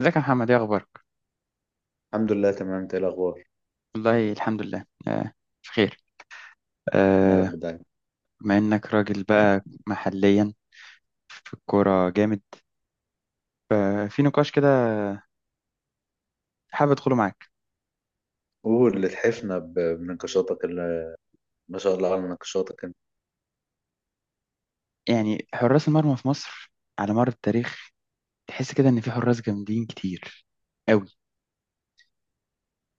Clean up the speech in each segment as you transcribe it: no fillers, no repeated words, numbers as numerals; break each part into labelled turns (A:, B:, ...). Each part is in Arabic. A: ازيك يا محمد، ايه اخبارك؟
B: الحمد لله تمام. انت ايه الاخبار؟
A: والله الحمد لله، بخير.
B: يا
A: آه.
B: رب دايما.
A: بما انك راجل بقى محليا في الكوره جامد، في نقاش كده حابب ادخله معاك.
B: قول اللي تحفنا بنقاشاتك اللي ما شاء الله على نقاشاتك انت.
A: يعني حراس المرمى في مصر على مر التاريخ، تحس كده ان في حراس جامدين كتير قوي.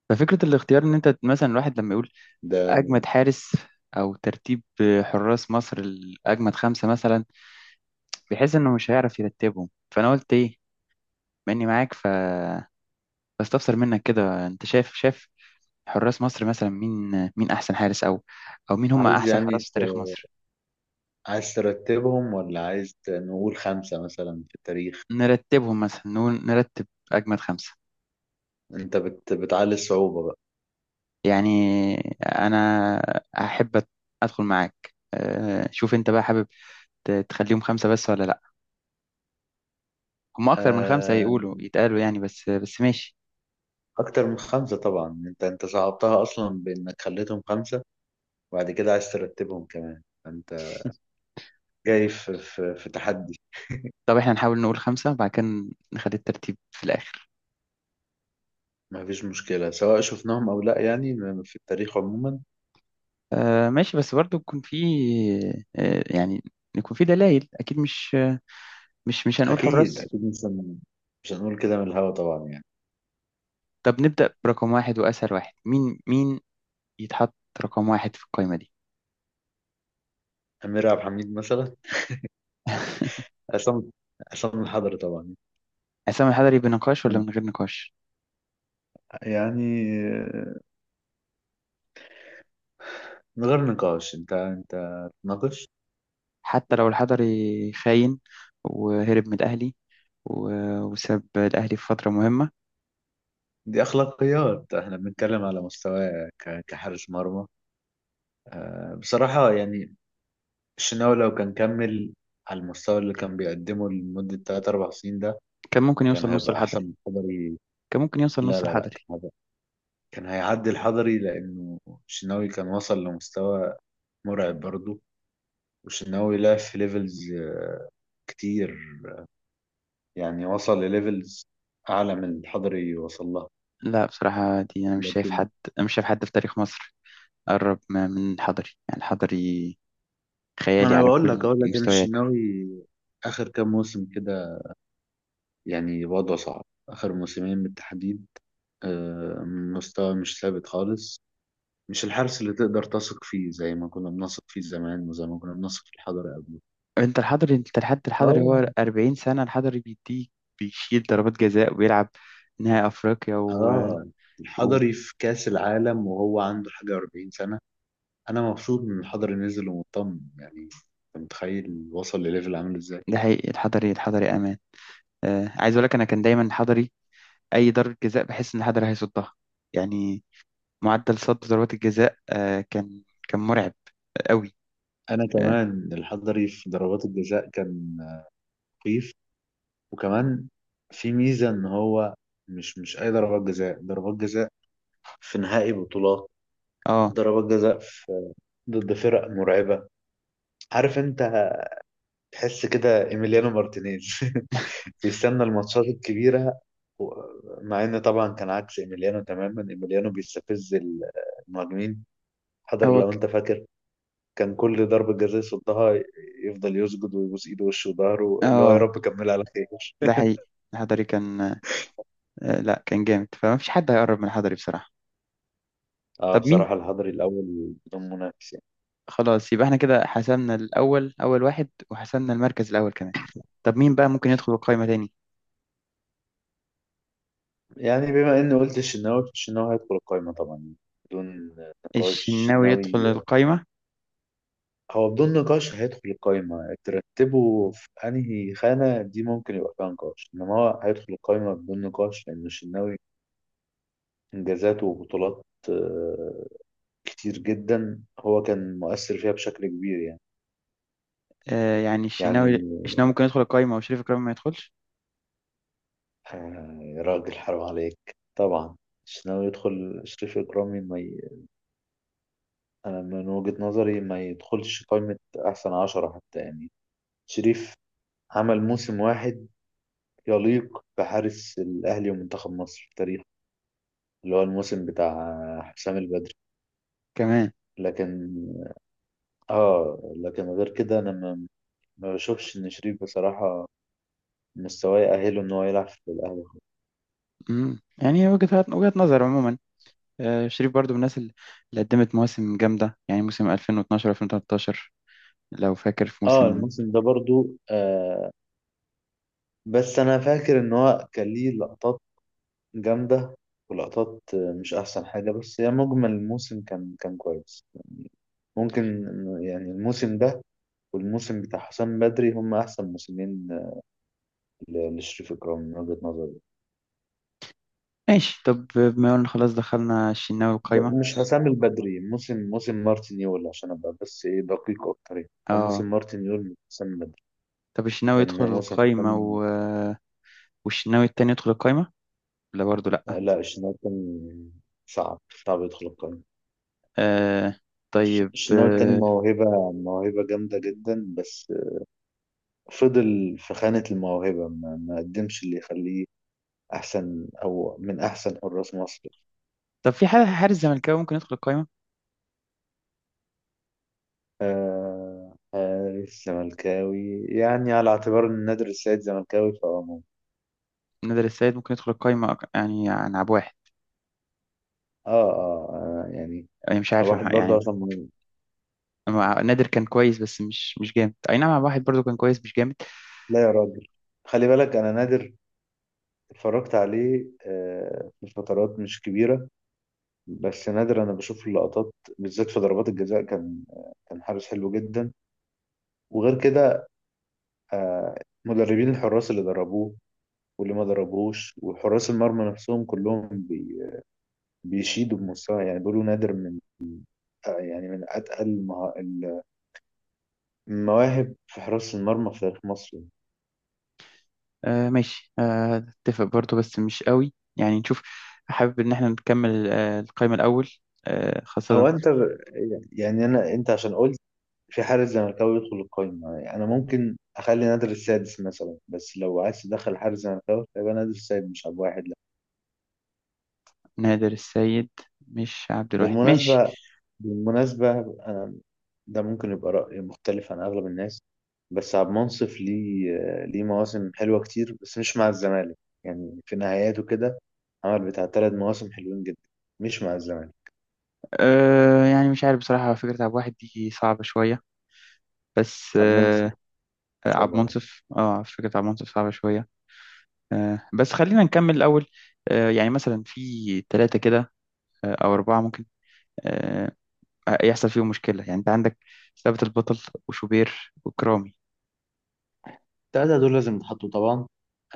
A: ففكره الاختيار ان انت مثلا الواحد لما يقول
B: ده
A: اجمد حارس، او ترتيب حراس مصر الاجمد خمسه مثلا، بيحس انه مش هيعرف يرتبهم. فانا قلت ايه، بما اني معاك بستفسر منك كده. انت شايف حراس مصر مثلا مين احسن حارس، او مين هم
B: عايز
A: احسن
B: يعني
A: حراس في تاريخ مصر؟
B: عايز ترتبهم ولا عايز نقول خمسة مثلا في التاريخ.
A: نرتبهم مثلا، نقول نرتب اجمد خمسة.
B: انت بتعلي الصعوبة بقى.
A: يعني انا احب ادخل معاك. شوف انت بقى حابب تخليهم خمسة بس ولا لا. هم اكتر من خمسة
B: آه...
A: يقولوا يتقالوا يعني، بس بس ماشي.
B: اكتر من خمسة طبعا. انت صعبتها اصلا بانك خليتهم خمسة، وبعد كده عايز ترتبهم كمان انت. جاي في في تحدي.
A: طب احنا نحاول نقول خمسة وبعد كده نخلي الترتيب في الاخر.
B: ما فيش مشكلة سواء شفناهم او لا يعني، في التاريخ عموما.
A: ماشي بس برضو يكون في، يعني يكون في دلائل اكيد، مش هنقول
B: اكيد
A: حراس.
B: اكيد مش هنقول كده من الهوا طبعا يعني.
A: طب نبدأ برقم واحد وأسهل واحد، مين يتحط رقم واحد في القائمة دي؟
B: أمير عبد الحميد مثلا. عصام عصام الحضري طبعا.
A: عصام الحضري بنقاش ولا من غير نقاش؟
B: يعني من غير نقاش. أنت تناقش.
A: حتى لو الحضري خاين وهرب من الأهلي، و- وساب الأهلي في فترة مهمة.
B: دي أخلاقيات، إحنا بنتكلم على مستوى كحارس مرمى بصراحة يعني. الشناوي لو كان كمل على المستوى اللي كان بيقدمه لمدة 3 4 سنين ده
A: كان ممكن
B: كان
A: يوصل نص
B: هيبقى أحسن
A: الحضري.
B: من الحضري.
A: كان ممكن يوصل
B: لا
A: نص
B: لا لا،
A: الحضري.
B: كان هيبقى، كان هيعدي الحضري لأنه الشناوي كان وصل لمستوى مرعب برضه. والشناوي لعب في ليفلز كتير، يعني وصل لليفلز اعلى من الحضري وصل لها.
A: لا بصراحة دي، أنا مش شايف
B: لكن
A: حد، أنا مش شايف حد في تاريخ مصر قرب من الحضري. يعني الحضري
B: ما
A: خيالي
B: انا
A: على
B: بقول لك،
A: كل
B: اقول لك انا
A: المستويات.
B: الشناوي اخر كام موسم كده يعني وضعه صعب، اخر موسمين بالتحديد. مستوى مش ثابت خالص. مش الحارس اللي تقدر تثق فيه زي ما كنا بنثق فيه زمان وزي ما كنا بنثق في الحضري قبل.
A: انت الحضري، انت لحد الحضري هو
B: اه.
A: 40 سنة، الحضري بيديك، بيشيل ضربات جزاء وبيلعب نهائي افريقيا
B: اه،
A: و...
B: الحضري في كاس العالم وهو عنده حاجه 40 سنه. انا مبسوط ان الحضري نزل ومطمن، يعني انت متخيل وصل لليفل عامل ازاي؟
A: ده حقيقي. الحضري امان. عايز اقول لك، انا كان دايما الحضري اي ضربة جزاء بحس ان الحضري هيصدها. يعني معدل صد ضربات الجزاء كان مرعب قوي.
B: انا
A: اه.
B: كمان الحضري في ضربات الجزاء كان مخيف. وكمان في ميزه ان هو مش اي ضربات جزاء. ضربات جزاء في نهائي بطولات،
A: آه،
B: ضربات جزاء في، ضد فرق مرعبه. عارف انت تحس كده ايميليانو مارتينيز بيستنى الماتشات الكبيره. و- مع ان طبعا كان عكس ايميليانو تماما. ايميليانو بيستفز المهاجمين. حضر
A: هو
B: لو
A: ك...
B: انت فاكر كان كل ضربة جزاء يصدها يفضل يسجد ويبوس ايده ووشه وظهره اللي هو يا
A: اه.
B: رب كملها على خير.
A: ده حقيقي. الحضري كان، لا كان جامد، فما فيش حد هيقرب من الحضري بصراحة.
B: اه
A: طب مين؟
B: بصراحة الحضري الأول بدون منافس يعني.
A: خلاص، يبقى احنا كده حسمنا الاول، اول واحد، وحسمنا المركز الاول كمان. طب مين بقى ممكن يدخل القايمة تاني؟
B: يعني بما إني قلت الشناوي هيدخل القايمة طبعا بدون نقاش
A: الشناوي
B: الشناوي.
A: يدخل القايمة.
B: هو بدون نقاش هيدخل القايمة. ترتبه في أنهي خانة دي ممكن يبقى فيها نقاش، إنما هو هيدخل القايمة بدون نقاش، لأن الشناوي إنجازاته وبطولات آه، كتير جدا. هو كان مؤثر فيها بشكل كبير يعني.
A: يعني
B: يعني
A: الشناوي ممكن يدخل القايمة وشريف إكرامي ما يدخلش؟
B: يا راجل حرام عليك طبعا. الشناوي يدخل، شريف إكرامي ما. أنا من وجهة نظري ما يدخلش قائمة أحسن عشرة حتى يعني. شريف عمل موسم واحد يليق بحارس الأهلي ومنتخب مصر في التاريخ، اللي هو الموسم بتاع حسام البدري.
A: كمان.
B: لكن لكن غير كده، أنا ما، ما بشوفش إن شريف بصراحة مستواه يأهله إن هو يلعب في الأهلي خالص.
A: يعني وجهة نظر عموما. شريف برضو من الناس اللي قدمت مواسم جامدة، يعني موسم 2012 2013 لو فاكر، في موسم
B: الموسم ده برضو بس أنا فاكر إن هو كان ليه لقطات جامدة، ولقطات مش أحسن حاجة، بس هي مجمل الموسم كان كويس. ممكن إنه يعني الموسم ده والموسم بتاع حسام بدري هم احسن موسمين لشريف اكرام من وجهة نظري.
A: ماشي. طب بما قلنا خلاص دخلنا الشناوي القايمة.
B: مش حسام البدري، موسم مارتن يول عشان ابقى بس ايه دقيق اكتر. يعني هو
A: اه.
B: موسم مارتن يول من حسام بدري،
A: طب الشناوي يدخل
B: لان موسم
A: القايمة
B: حسام.
A: والشناوي التاني يدخل القايمة؟ لا برضو، لأ.
B: لا الشناوي كان صعب، يدخل القائمة.
A: آه. طيب،
B: الشناوي التاني موهبة، جامدة جدا، بس فضل في خانة الموهبة. ما قدمش اللي يخليه أحسن أو من أحسن حراس مصر.
A: طب في حارس زملكاوي ممكن يدخل القايمة؟
B: آه حارس زملكاوي يعني على اعتبار ان نادر السيد زملكاوي فهو ممكن.
A: نادر السيد ممكن يدخل القايمة يعني عن عب واحد.
B: آه, آه, اه يعني
A: يعني مش عارف يا
B: واحد برضه
A: يعني
B: عشان مهم.
A: نادر كان كويس، بس مش جامد. أي نعم، عب واحد برضو كان كويس، مش جامد.
B: لا يا راجل، خلي بالك انا نادر اتفرجت عليه في فترات مش كبيرة، بس نادر انا بشوف اللقطات بالذات في ضربات الجزاء كان، كان حارس حلو جدا. وغير كده مدربين الحراس اللي دربوه واللي ما دربوهوش وحراس المرمى نفسهم كلهم بيشيدوا بمستوى. يعني بيقولوا نادر من يعني من أتقل المواهب في حراسة المرمى في تاريخ مصر.
A: آه ماشي. آه، اتفق برضو بس مش قوي، يعني نشوف. حابب إن احنا نكمل القايمة الأول،
B: هو
A: خاصة
B: أنت يعني أنا. أنت عشان قلت في حارس زملكاوي يدخل القايمة، يعني أنا ممكن أخلي نادر السادس مثلا، بس لو عايز تدخل حارس زملكاوي فيبقى نادر السادس مش عبد واحد لا.
A: نادر السيد مش عبد الواحد، ماشي.
B: بالمناسبة، بالمناسبة أنا ده ممكن يبقى رأي مختلف عن أغلب الناس، بس عبد المنصف ليه، مواسم حلوة كتير بس مش مع الزمالك. يعني في نهاياته كده عمل بتاع تلات مواسم حلوين جدا، مش مع الزمالك.
A: يعني مش عارف بصراحة، فكرة عبد الواحد دي صعبة شوية بس.
B: عبد
A: آه.
B: المنصور
A: عبد
B: شعبان.
A: منصف. اه، فكرة عبد منصف صعبة شوية. آه بس خلينا نكمل الأول. يعني مثلا في ثلاثة كده، او اربعه ممكن، آه، يحصل فيهم مشكله. يعني انت عندك ثابت البطل وشوبير وكرامي.
B: التلاتة دول لازم يتحطوا طبعا،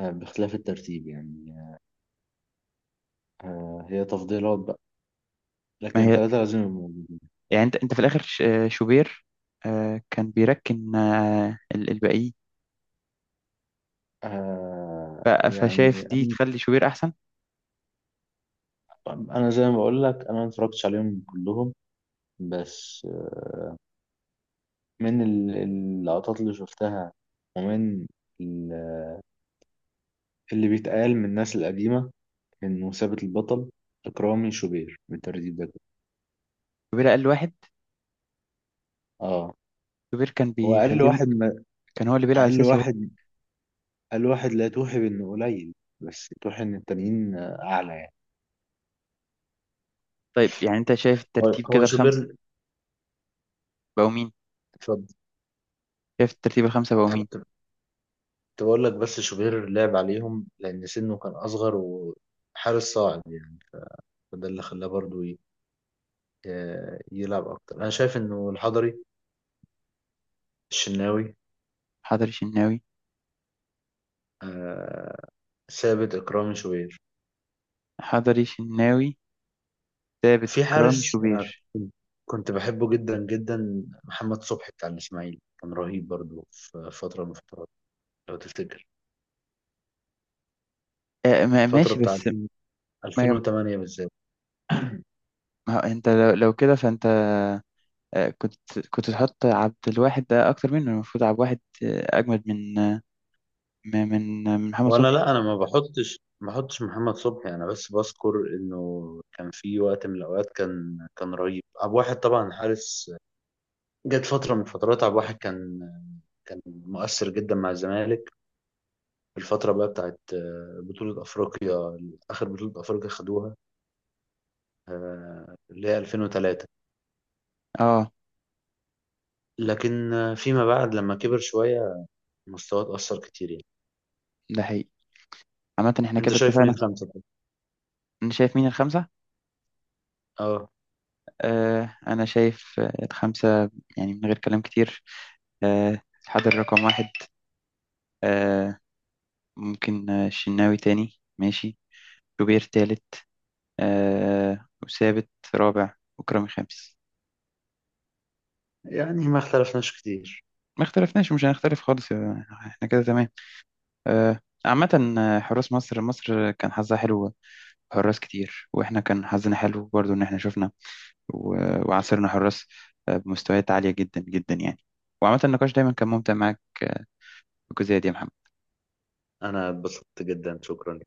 B: باختلاف الترتيب يعني. هي تفضيلات بقى،
A: ما
B: لكن
A: هي
B: التلاتة لازم يبقوا موجودين.
A: يعني، انت في الاخر شوبير، كان بيركن، الباقيين. فشايف
B: يعني
A: دي
B: أنا.
A: تخلي شوبير احسن.
B: زي ما بقول لك، أنا ما اتفرجتش عليهم كلهم، بس من اللقطات اللي شفتها، ومن ال- اللي بيتقال من الناس القديمة، إنه ثابت البطل إكرامي شوبير بالترتيب ده كده.
A: شوبير اقل واحد.
B: اه
A: شوبير كان
B: هو أقل
A: بيخليهم،
B: واحد. ما
A: كان هو اللي بيلعب
B: أقل
A: اساسي وهو.
B: واحد، الواحد لا توحي بانه قليل، بس توحي ان التانيين اعلى يعني.
A: طيب يعني انت شايف
B: هو
A: الترتيب كده
B: هو
A: الخمسه
B: شوبير،
A: بقوا مين؟
B: اتفضل.
A: شايف الترتيب الخمسه بقوا
B: أنا
A: مين؟
B: كنت بقول لك، بس شوبير لعب عليهم لأن سنه كان أصغر وحارس صاعد يعني، فده اللي خلاه برضو ي- يلعب أكتر. أنا شايف إنه الحضري الشناوي
A: حضري شناوي.
B: آه، ثابت إكرامي شوبير.
A: حضري شناوي، ثابت،
B: في
A: اكرامي،
B: حارس أنا
A: شوبير.
B: كنت بحبه جدا جدا، محمد صبحي بتاع الإسماعيلي كان رهيب برضو في فترة من الفترات لو تفتكر، الفترة
A: ماشي
B: بتاع
A: بس، ما
B: 2008 بالذات.
A: ما هو انت لو كده فانت، كنت تحط عبد الواحد ده اكتر منه. المفروض عبد الواحد اجمد من من محمد
B: ولا
A: صبحي.
B: لا، انا ما بحطش محمد صبحي، انا بس بذكر انه كان في وقت من الاوقات كان رهيب. عبد الواحد طبعا حارس. جت فتره من فترات عبد الواحد كان مؤثر جدا مع الزمالك، في الفتره بقى بتاعت بطوله افريقيا، اخر بطوله افريقيا خدوها، اللي هي 2003.
A: اه.
B: لكن فيما بعد لما كبر شويه مستواه اتاثر كتير يعني.
A: ده حقيقي. عامة احنا
B: انت
A: كده
B: شايف مين
A: اتفقنا.
B: خمسه؟
A: انا شايف مين الخمسة؟
B: اه
A: انا شايف الخمسة، يعني من غير كلام كتير. الحضر رقم واحد. آه. ممكن الشناوي تاني، ماشي. شوبير تالت، وثابت رابع، وكرامي خامس.
B: يعني ما اختلفناش كتير.
A: ما اختلفناش. مش هنختلف خالص، احنا كده تمام. آه. عامة، حراس مصر كان حظها حلو، حراس كتير. واحنا كان حظنا حلو برضو ان احنا شفنا وعاصرنا حراس بمستويات عالية جدا جدا، يعني. وعامة النقاش دايما كان ممتع معاك بالجزئية دي يا محمد.
B: انا اتبسطت جدا، شكرا.